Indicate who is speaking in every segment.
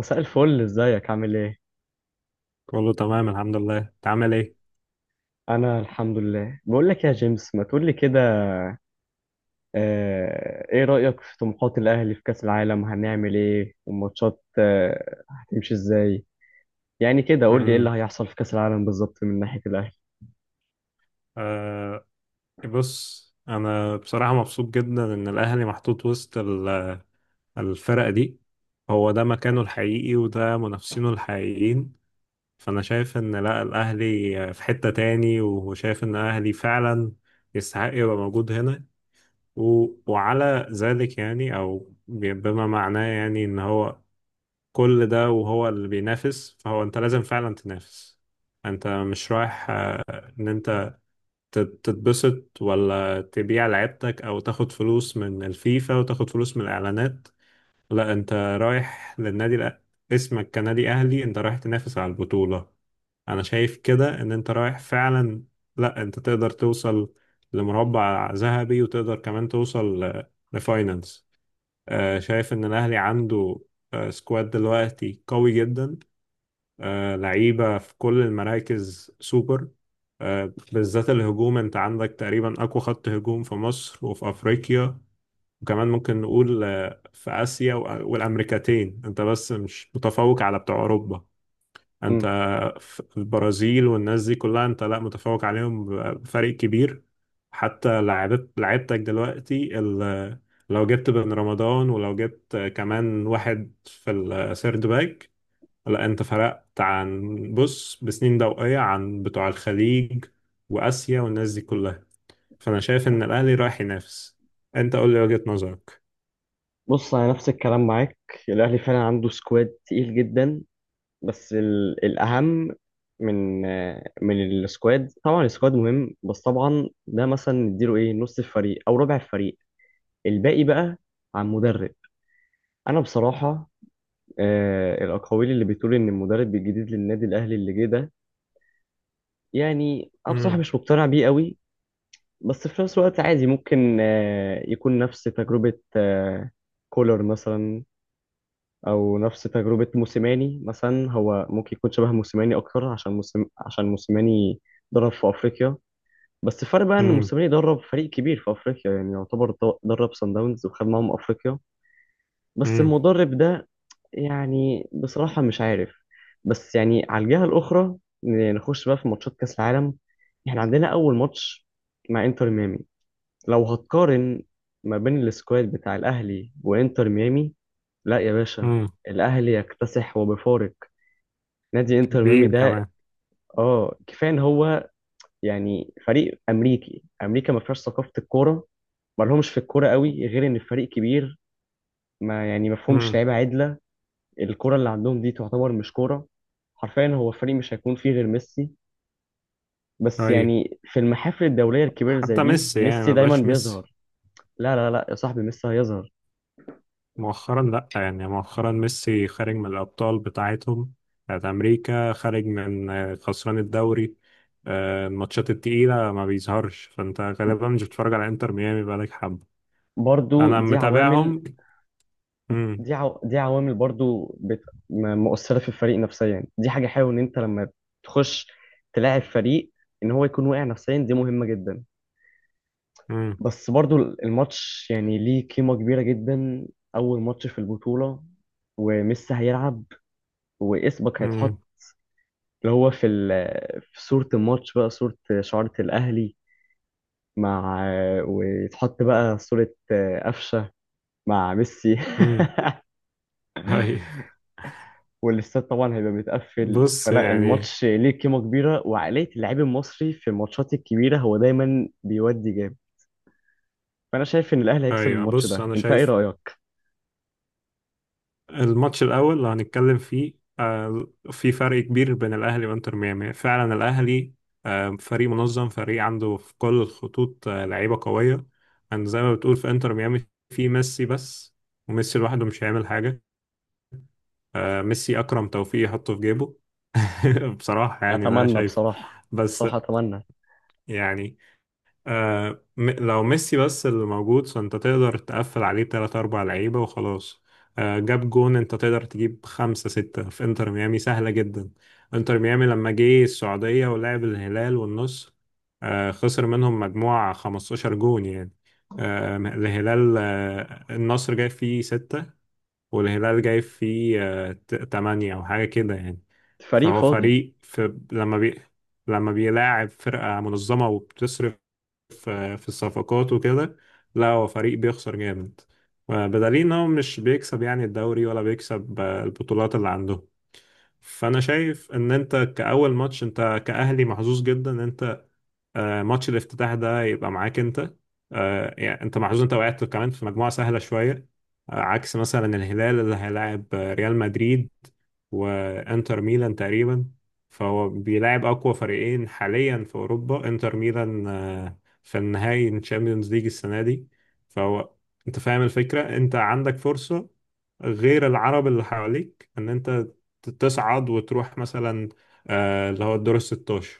Speaker 1: مساء الفل، ازيك؟ عامل ايه؟
Speaker 2: كله تمام، الحمد لله. انت عامل ايه؟
Speaker 1: انا الحمد لله. بقول لك يا جيمس ما تقول لي كده. ايه رأيك في طموحات الاهلي في كأس العالم؟ هنعمل ايه والماتشات هتمشي ازاي؟ يعني كده قول لي ايه اللي
Speaker 2: امم
Speaker 1: هيحصل في كأس العالم بالظبط من ناحية الاهلي.
Speaker 2: آه بص، انا بصراحه مبسوط جدا ان الاهلي محطوط وسط الفرق دي. هو ده مكانه الحقيقي، وده منافسينه الحقيقيين. فانا شايف ان لا، الاهلي في حته تاني، وشايف ان الاهلي فعلا يستحق يبقى موجود هنا. وعلى ذلك يعني، او بما معناه يعني، ان هو كل ده وهو اللي بينافس، فهو انت لازم فعلا تنافس. انت مش رايح ان انت تتبسط، ولا تبيع لعبتك، او تاخد فلوس من الفيفا وتاخد فلوس من الاعلانات. لا، انت رايح للنادي. اسمك كنادي اهلي، انت رايح تنافس على البطولة. انا شايف كده ان انت رايح فعلا. لا، انت تقدر توصل لمربع ذهبي، وتقدر كمان توصل لفاينانس. شايف ان الاهلي عنده سكواد دلوقتي قوي جدا. لعيبة في كل المراكز سوبر. بالذات الهجوم، انت عندك تقريبا اقوى خط هجوم في مصر وفي افريقيا. وكمان ممكن نقول في اسيا والامريكتين. انت بس مش متفوق على بتوع اوروبا. انت
Speaker 1: مم.
Speaker 2: في البرازيل والناس دي كلها، انت لا متفوق عليهم بفرق كبير. حتى لعبت لعبتك دلوقتي. لو جبت بن رمضان، ولو جبت كمان واحد في السيرد باك، لا، انت فرقت عن بص بسنين ضوئية عن بتوع الخليج وآسيا والناس دي كلها. فأنا شايف إن الأهلي رايح ينافس. انت قول لي وجهة نظرك.
Speaker 1: بص، انا نفس الكلام معاك. الاهلي فعلا عنده سكواد تقيل جدا. بس الاهم من من السكواد، طبعا السكواد مهم، بس طبعا ده مثلا نديله ايه، نص الفريق او ربع الفريق. الباقي بقى عن مدرب. انا بصراحه الاقاويل اللي بتقول ان المدرب الجديد للنادي الاهلي اللي جه ده، يعني انا بصراحه
Speaker 2: امم.
Speaker 1: مش مقتنع بيه قوي. بس في نفس الوقت عادي، ممكن يكون نفس تجربه كولر مثلا، او نفس تجربه موسيماني مثلا. هو ممكن يكون شبه موسيماني اكتر، عشان موسم عشان موسيماني درب في افريقيا. بس الفرق بقى ان
Speaker 2: امم.
Speaker 1: موسيماني درب فريق كبير في افريقيا، يعني يعتبر درب سان داونز وخد معاهم افريقيا. بس
Speaker 2: امم.
Speaker 1: المدرب ده يعني بصراحة مش عارف. بس يعني على الجهة الأخرى، نخش بقى في ماتشات كأس العالم. احنا عندنا أول ماتش مع إنتر ميامي. لو هتقارن ما بين السكواد بتاع الأهلي وإنتر ميامي، لا يا باشا،
Speaker 2: امم.
Speaker 1: الأهلي يكتسح وبفارق نادي إنتر ميامي
Speaker 2: كبير
Speaker 1: ده.
Speaker 2: كمان.
Speaker 1: اه، كفاية إن هو يعني فريق أمريكي. أمريكا ما فيهاش ثقافة الكورة، ما لهمش في الكورة قوي، غير إن الفريق كبير ما يعني ما فيهمش
Speaker 2: امم.
Speaker 1: لعيبة عدلة. الكرة اللي عندهم دي تعتبر مش كرة. حرفيا هو الفريق مش هيكون فيه غير ميسي، بس
Speaker 2: طيب.
Speaker 1: يعني في المحافل الدولية الكبيرة زي
Speaker 2: حتى
Speaker 1: دي
Speaker 2: ميسي يعني
Speaker 1: ميسي
Speaker 2: ما
Speaker 1: دايما
Speaker 2: بقاش ميسي
Speaker 1: بيظهر. لا لا لا يا صاحبي، ميسي هيظهر.
Speaker 2: مؤخرا. لا يعني، مؤخرا ميسي خارج من الأبطال بتاعتهم بتاعت أمريكا، خارج من خسران الدوري. الماتشات التقيلة ما بيظهرش، فأنت غالبا مش بتتفرج على انتر ميامي بقالك حبة.
Speaker 1: برضو
Speaker 2: انا
Speaker 1: دي عوامل.
Speaker 2: متابعهم. امم.
Speaker 1: دي عوامل برضو مؤثرة في الفريق نفسيا. يعني دي حاجة حلوة إن أنت لما تخش تلاعب فريق إن هو يكون واقع نفسيا، دي مهمة جدا.
Speaker 2: امم.
Speaker 1: بس برضو الماتش يعني ليه قيمة كبيرة جدا، أول ماتش في البطولة، وميسي هيلعب، واسمك
Speaker 2: امم.
Speaker 1: هيتحط اللي هو في في صورة الماتش، بقى صورة شعارة الأهلي مع، ويتحط بقى صورة قفشة مع ميسي.
Speaker 2: امم. هاي.
Speaker 1: والاستاد طبعا هيبقى متقفل،
Speaker 2: بص
Speaker 1: فلا
Speaker 2: يعني.
Speaker 1: الماتش ليه قيمة كبيرة، وعقلية اللاعب المصري في الماتشات الكبيرة هو دايما بيودي جامد. فأنا شايف إن الأهلي هيكسب
Speaker 2: ايوه،
Speaker 1: الماتش
Speaker 2: بص،
Speaker 1: ده.
Speaker 2: انا
Speaker 1: أنت إيه
Speaker 2: شايف
Speaker 1: رأيك؟
Speaker 2: الماتش الاول اللي هنتكلم فيه في فرق كبير بين الاهلي وانتر ميامي. فعلا الاهلي فريق منظم، فريق عنده في كل الخطوط لعيبه قويه. يعني زي ما بتقول، في انتر ميامي في ميسي بس، وميسي لوحده مش هيعمل حاجه. ميسي اكرم توفيق يحطه في جيبه. بصراحه يعني، ده
Speaker 1: أتمنى
Speaker 2: شايف
Speaker 1: بصراحة.
Speaker 2: بس
Speaker 1: بصراحة أتمنى.
Speaker 2: يعني لو ميسي بس اللي موجود، فانت تقدر تقفل عليه تلات أربع لعيبة وخلاص. آه، جاب جون، انت تقدر تجيب خمسة ستة في انتر ميامي سهلة جدا. انتر ميامي لما جه السعودية ولعب الهلال والنصر، آه، خسر منهم مجموعة 15 جون يعني. آه، الهلال، آه، النصر جاي فيه ستة، والهلال جاي فيه تمانية أو حاجة كده يعني.
Speaker 1: فريق
Speaker 2: فهو
Speaker 1: فاضي.
Speaker 2: فريق في لما بي لما بيلاعب فرقة منظمة وبتصرف في الصفقات وكده، لا، هو فريق بيخسر جامد، بدليل ان هو مش بيكسب يعني الدوري، ولا بيكسب البطولات اللي عنده. فانا شايف ان انت كأول ماتش، انت كأهلي محظوظ جدا ان انت ماتش الافتتاح ده يبقى معاك انت. يعني انت محظوظ، انت وقعت كمان في مجموعة سهلة شوية، عكس مثلا الهلال اللي هيلاعب ريال مدريد وانتر ميلان تقريبا. فهو بيلاعب اقوى فريقين حاليا في اوروبا، انتر ميلان في النهائي الشامبيونز ليج السنة دي. فهو انت فاهم الفكرة، انت عندك فرصة غير العرب اللي حواليك ان انت تصعد وتروح مثلا اللي هو الدور 16.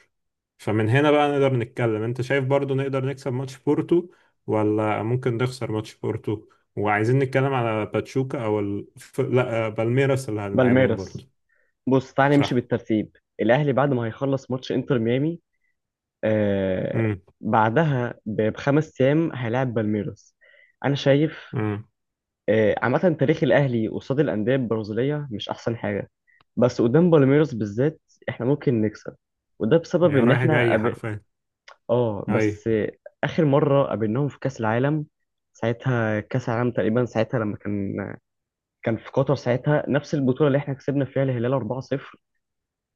Speaker 2: فمن هنا بقى نقدر نتكلم، انت شايف برضو نقدر نكسب ماتش بورتو، ولا ممكن نخسر ماتش بورتو؟ وعايزين نتكلم على باتشوكا، او لا، بالميراس اللي هنلعبهم
Speaker 1: بالميراس.
Speaker 2: برضو.
Speaker 1: بص تعالى نمشي
Speaker 2: صح.
Speaker 1: بالترتيب. الأهلي بعد ما هيخلص ماتش إنتر ميامي، آه،
Speaker 2: امم.
Speaker 1: بعدها بخمس ايام هيلاعب بالميروس. انا شايف،
Speaker 2: امم.
Speaker 1: آه، عامه تاريخ الاهلي قصاد الانديه البرازيليه مش احسن حاجه، بس قدام بالميروس بالذات احنا ممكن نكسب. وده بسبب
Speaker 2: يا
Speaker 1: ان
Speaker 2: رايح
Speaker 1: احنا
Speaker 2: جاي حرفيا.
Speaker 1: اه،
Speaker 2: اي.
Speaker 1: بس، اخر مره قابلناهم في كاس العالم، ساعتها كاس العالم تقريبا، ساعتها لما كان في قطر، ساعتها نفس البطوله اللي احنا كسبنا فيها الهلال 4-0.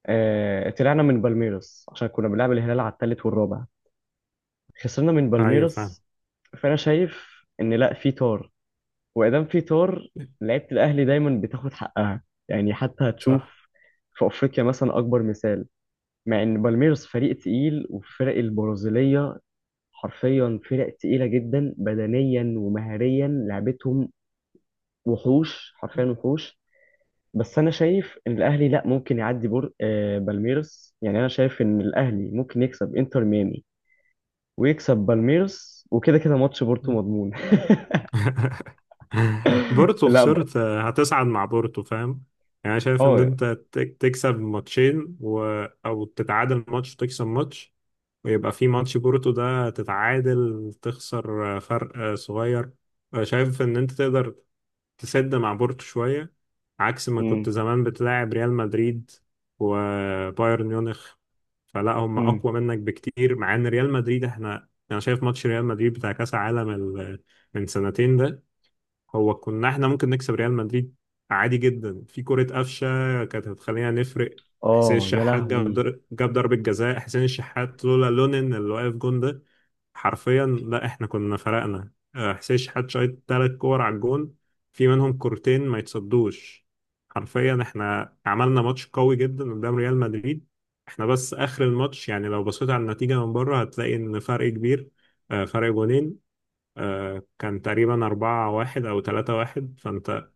Speaker 1: طلعنا من بالميروس عشان كنا بنلعب الهلال على الثالث والرابع، خسرنا من
Speaker 2: ايوه فاهم.
Speaker 1: بالميروس. فانا شايف ان لا، في طار وادام في طار لعيبه الاهلي دايما بتاخد حقها، يعني حتى
Speaker 2: صح.
Speaker 1: هتشوف في افريقيا مثلا اكبر مثال. مع ان بالميرس فريق تقيل، والفرق البرازيليه حرفيا فرق تقيله جدا بدنيا ومهريا، لعبتهم وحوش حرفيا، وحوش. بس انا شايف ان الاهلي لا، ممكن يعدي بور آه، بالميرس. يعني انا شايف ان الاهلي ممكن يكسب انتر ميامي ويكسب بالميرس، وكده كده ماتش بورتو مضمون.
Speaker 2: بورتو
Speaker 1: لا بقى.
Speaker 2: خسرت، هتصعد مع بورتو، فاهم. يعني شايف ان
Speaker 1: اه.
Speaker 2: انت تكسب ماتشين، او تتعادل ماتش وتكسب ماتش، ويبقى في ماتش بورتو ده تتعادل، تخسر فرق صغير. شايف ان انت تقدر تسد مع بورتو شوية، عكس ما كنت
Speaker 1: امم.
Speaker 2: زمان بتلاعب ريال مدريد وبايرن ميونخ. فلا هم
Speaker 1: امم.
Speaker 2: اقوى منك بكتير، مع ان ريال مدريد احنا، انا شايف ماتش ريال مدريد بتاع كاس عالم من سنتين ده، هو كنا احنا ممكن نكسب ريال مدريد عادي جدا. في كرة قفشة كانت هتخلينا نفرق. حسين
Speaker 1: اه يا
Speaker 2: الشحات جاب
Speaker 1: لهوي.
Speaker 2: جاب ضربة جزاء. حسين الشحات لولا لونين اللي واقف جون ده، حرفيا لا، احنا كنا فرقنا. حسين الشحات شايط ثلاث كور على الجون، في منهم كورتين ما يتصدوش. حرفيا احنا عملنا ماتش قوي جدا قدام ريال مدريد. احنا بس اخر الماتش، يعني لو بصيت على النتيجة من بره هتلاقي ان فرق كبير، فرق جونين، كان تقريبا أربعة واحد أو تلاتة واحد. فأنت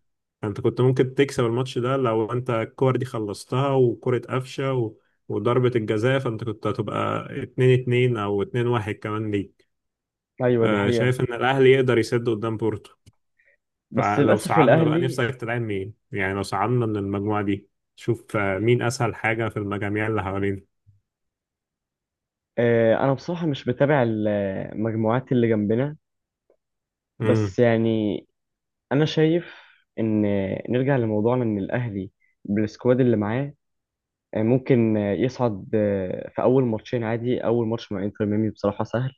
Speaker 2: أنت كنت ممكن تكسب الماتش ده لو أنت الكور دي خلصتها، وكرة قفشة وضربة الجزاء، فأنت كنت هتبقى اتنين اتنين أو اتنين واحد كمان ليك.
Speaker 1: ايوه دي حقيقة.
Speaker 2: شايف إن الأهلي يقدر يسد قدام بورتو.
Speaker 1: بس
Speaker 2: فلو
Speaker 1: للاسف
Speaker 2: صعدنا، بقى
Speaker 1: الاهلي،
Speaker 2: نفسك تلعب مين يعني لو صعدنا من المجموعة دي؟ شوف مين أسهل حاجة في المجاميع اللي حوالينا.
Speaker 1: انا بصراحة مش بتابع المجموعات اللي جنبنا.
Speaker 2: امم.
Speaker 1: بس يعني انا شايف ان، نرجع لموضوعنا، ان الاهلي بالسكواد اللي معاه ممكن يصعد في اول ماتشين عادي. اول ماتش مع انتر ميامي بصراحة سهل.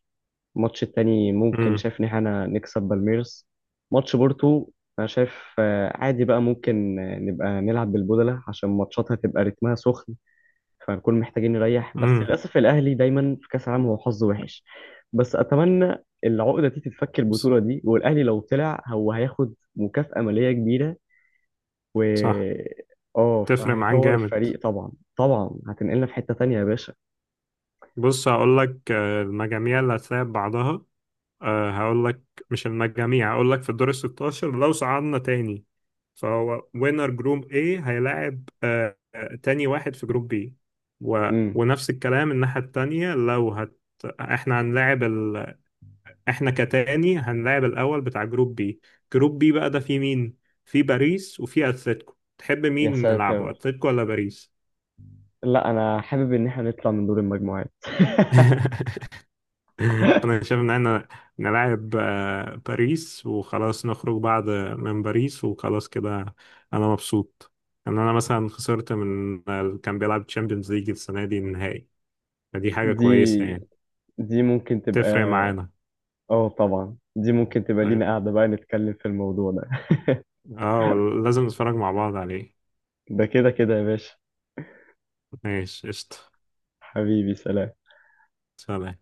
Speaker 1: الماتش التاني ممكن،
Speaker 2: امم.
Speaker 1: شايف ان احنا نكسب بالميرس. ماتش بورتو انا شايف عادي بقى، ممكن نبقى نلعب بالبودلة عشان ماتشاتها تبقى رتمها سخن، فنكون محتاجين نريح. بس
Speaker 2: امم.
Speaker 1: للأسف الأهلي دايما في كأس العالم هو حظه وحش. بس أتمنى العقدة دي تتفك البطولة دي، والأهلي لو طلع هو هياخد مكافأة مالية كبيرة، و،
Speaker 2: صح.
Speaker 1: اه،
Speaker 2: تفرق معاك
Speaker 1: فهيطور
Speaker 2: جامد.
Speaker 1: الفريق. طبعا طبعا هتنقلنا في حتة تانية يا باشا.
Speaker 2: بص، هقول لك المجاميع اللي هتلاعب بعضها. أه، هقول لك، مش المجاميع، هقول لك في الدور ال 16. لو صعدنا تاني، فهو وينر جروب A هيلاعب أه آه، تاني واحد في جروب B.
Speaker 1: امم.
Speaker 2: ونفس الكلام الناحية التانية. احنا هنلاعب احنا كتاني هنلاعب الأول بتاع جروب B. جروب B بقى ده فيه مين؟ فيه باريس وفيه أتلتيكو. تحب
Speaker 1: يا
Speaker 2: مين نلعبه،
Speaker 1: ساتر،
Speaker 2: أتلتيكو ولا باريس؟
Speaker 1: لا أنا حابب إن احنا نطلع من دور المجموعات.
Speaker 2: انا شايف ان احنا نلعب باريس وخلاص، نخرج بعد من باريس وخلاص كده. انا مبسوط ان انا مثلا خسرت من اللي كان بيلعب تشامبيونز ليج السنه دي النهائي. فدي حاجه
Speaker 1: دي،
Speaker 2: كويسه يعني.
Speaker 1: دي ممكن تبقى،
Speaker 2: تفرق معانا.
Speaker 1: اه طبعا، دي ممكن تبقى
Speaker 2: طيب.
Speaker 1: لينا قاعدة بقى نتكلم في الموضوع ده.
Speaker 2: اه، لازم نتفرج مع بعض عليه.
Speaker 1: ده كده كده يا باشا.
Speaker 2: ماشي، قشطه.
Speaker 1: حبيبي، سلام.
Speaker 2: سلام.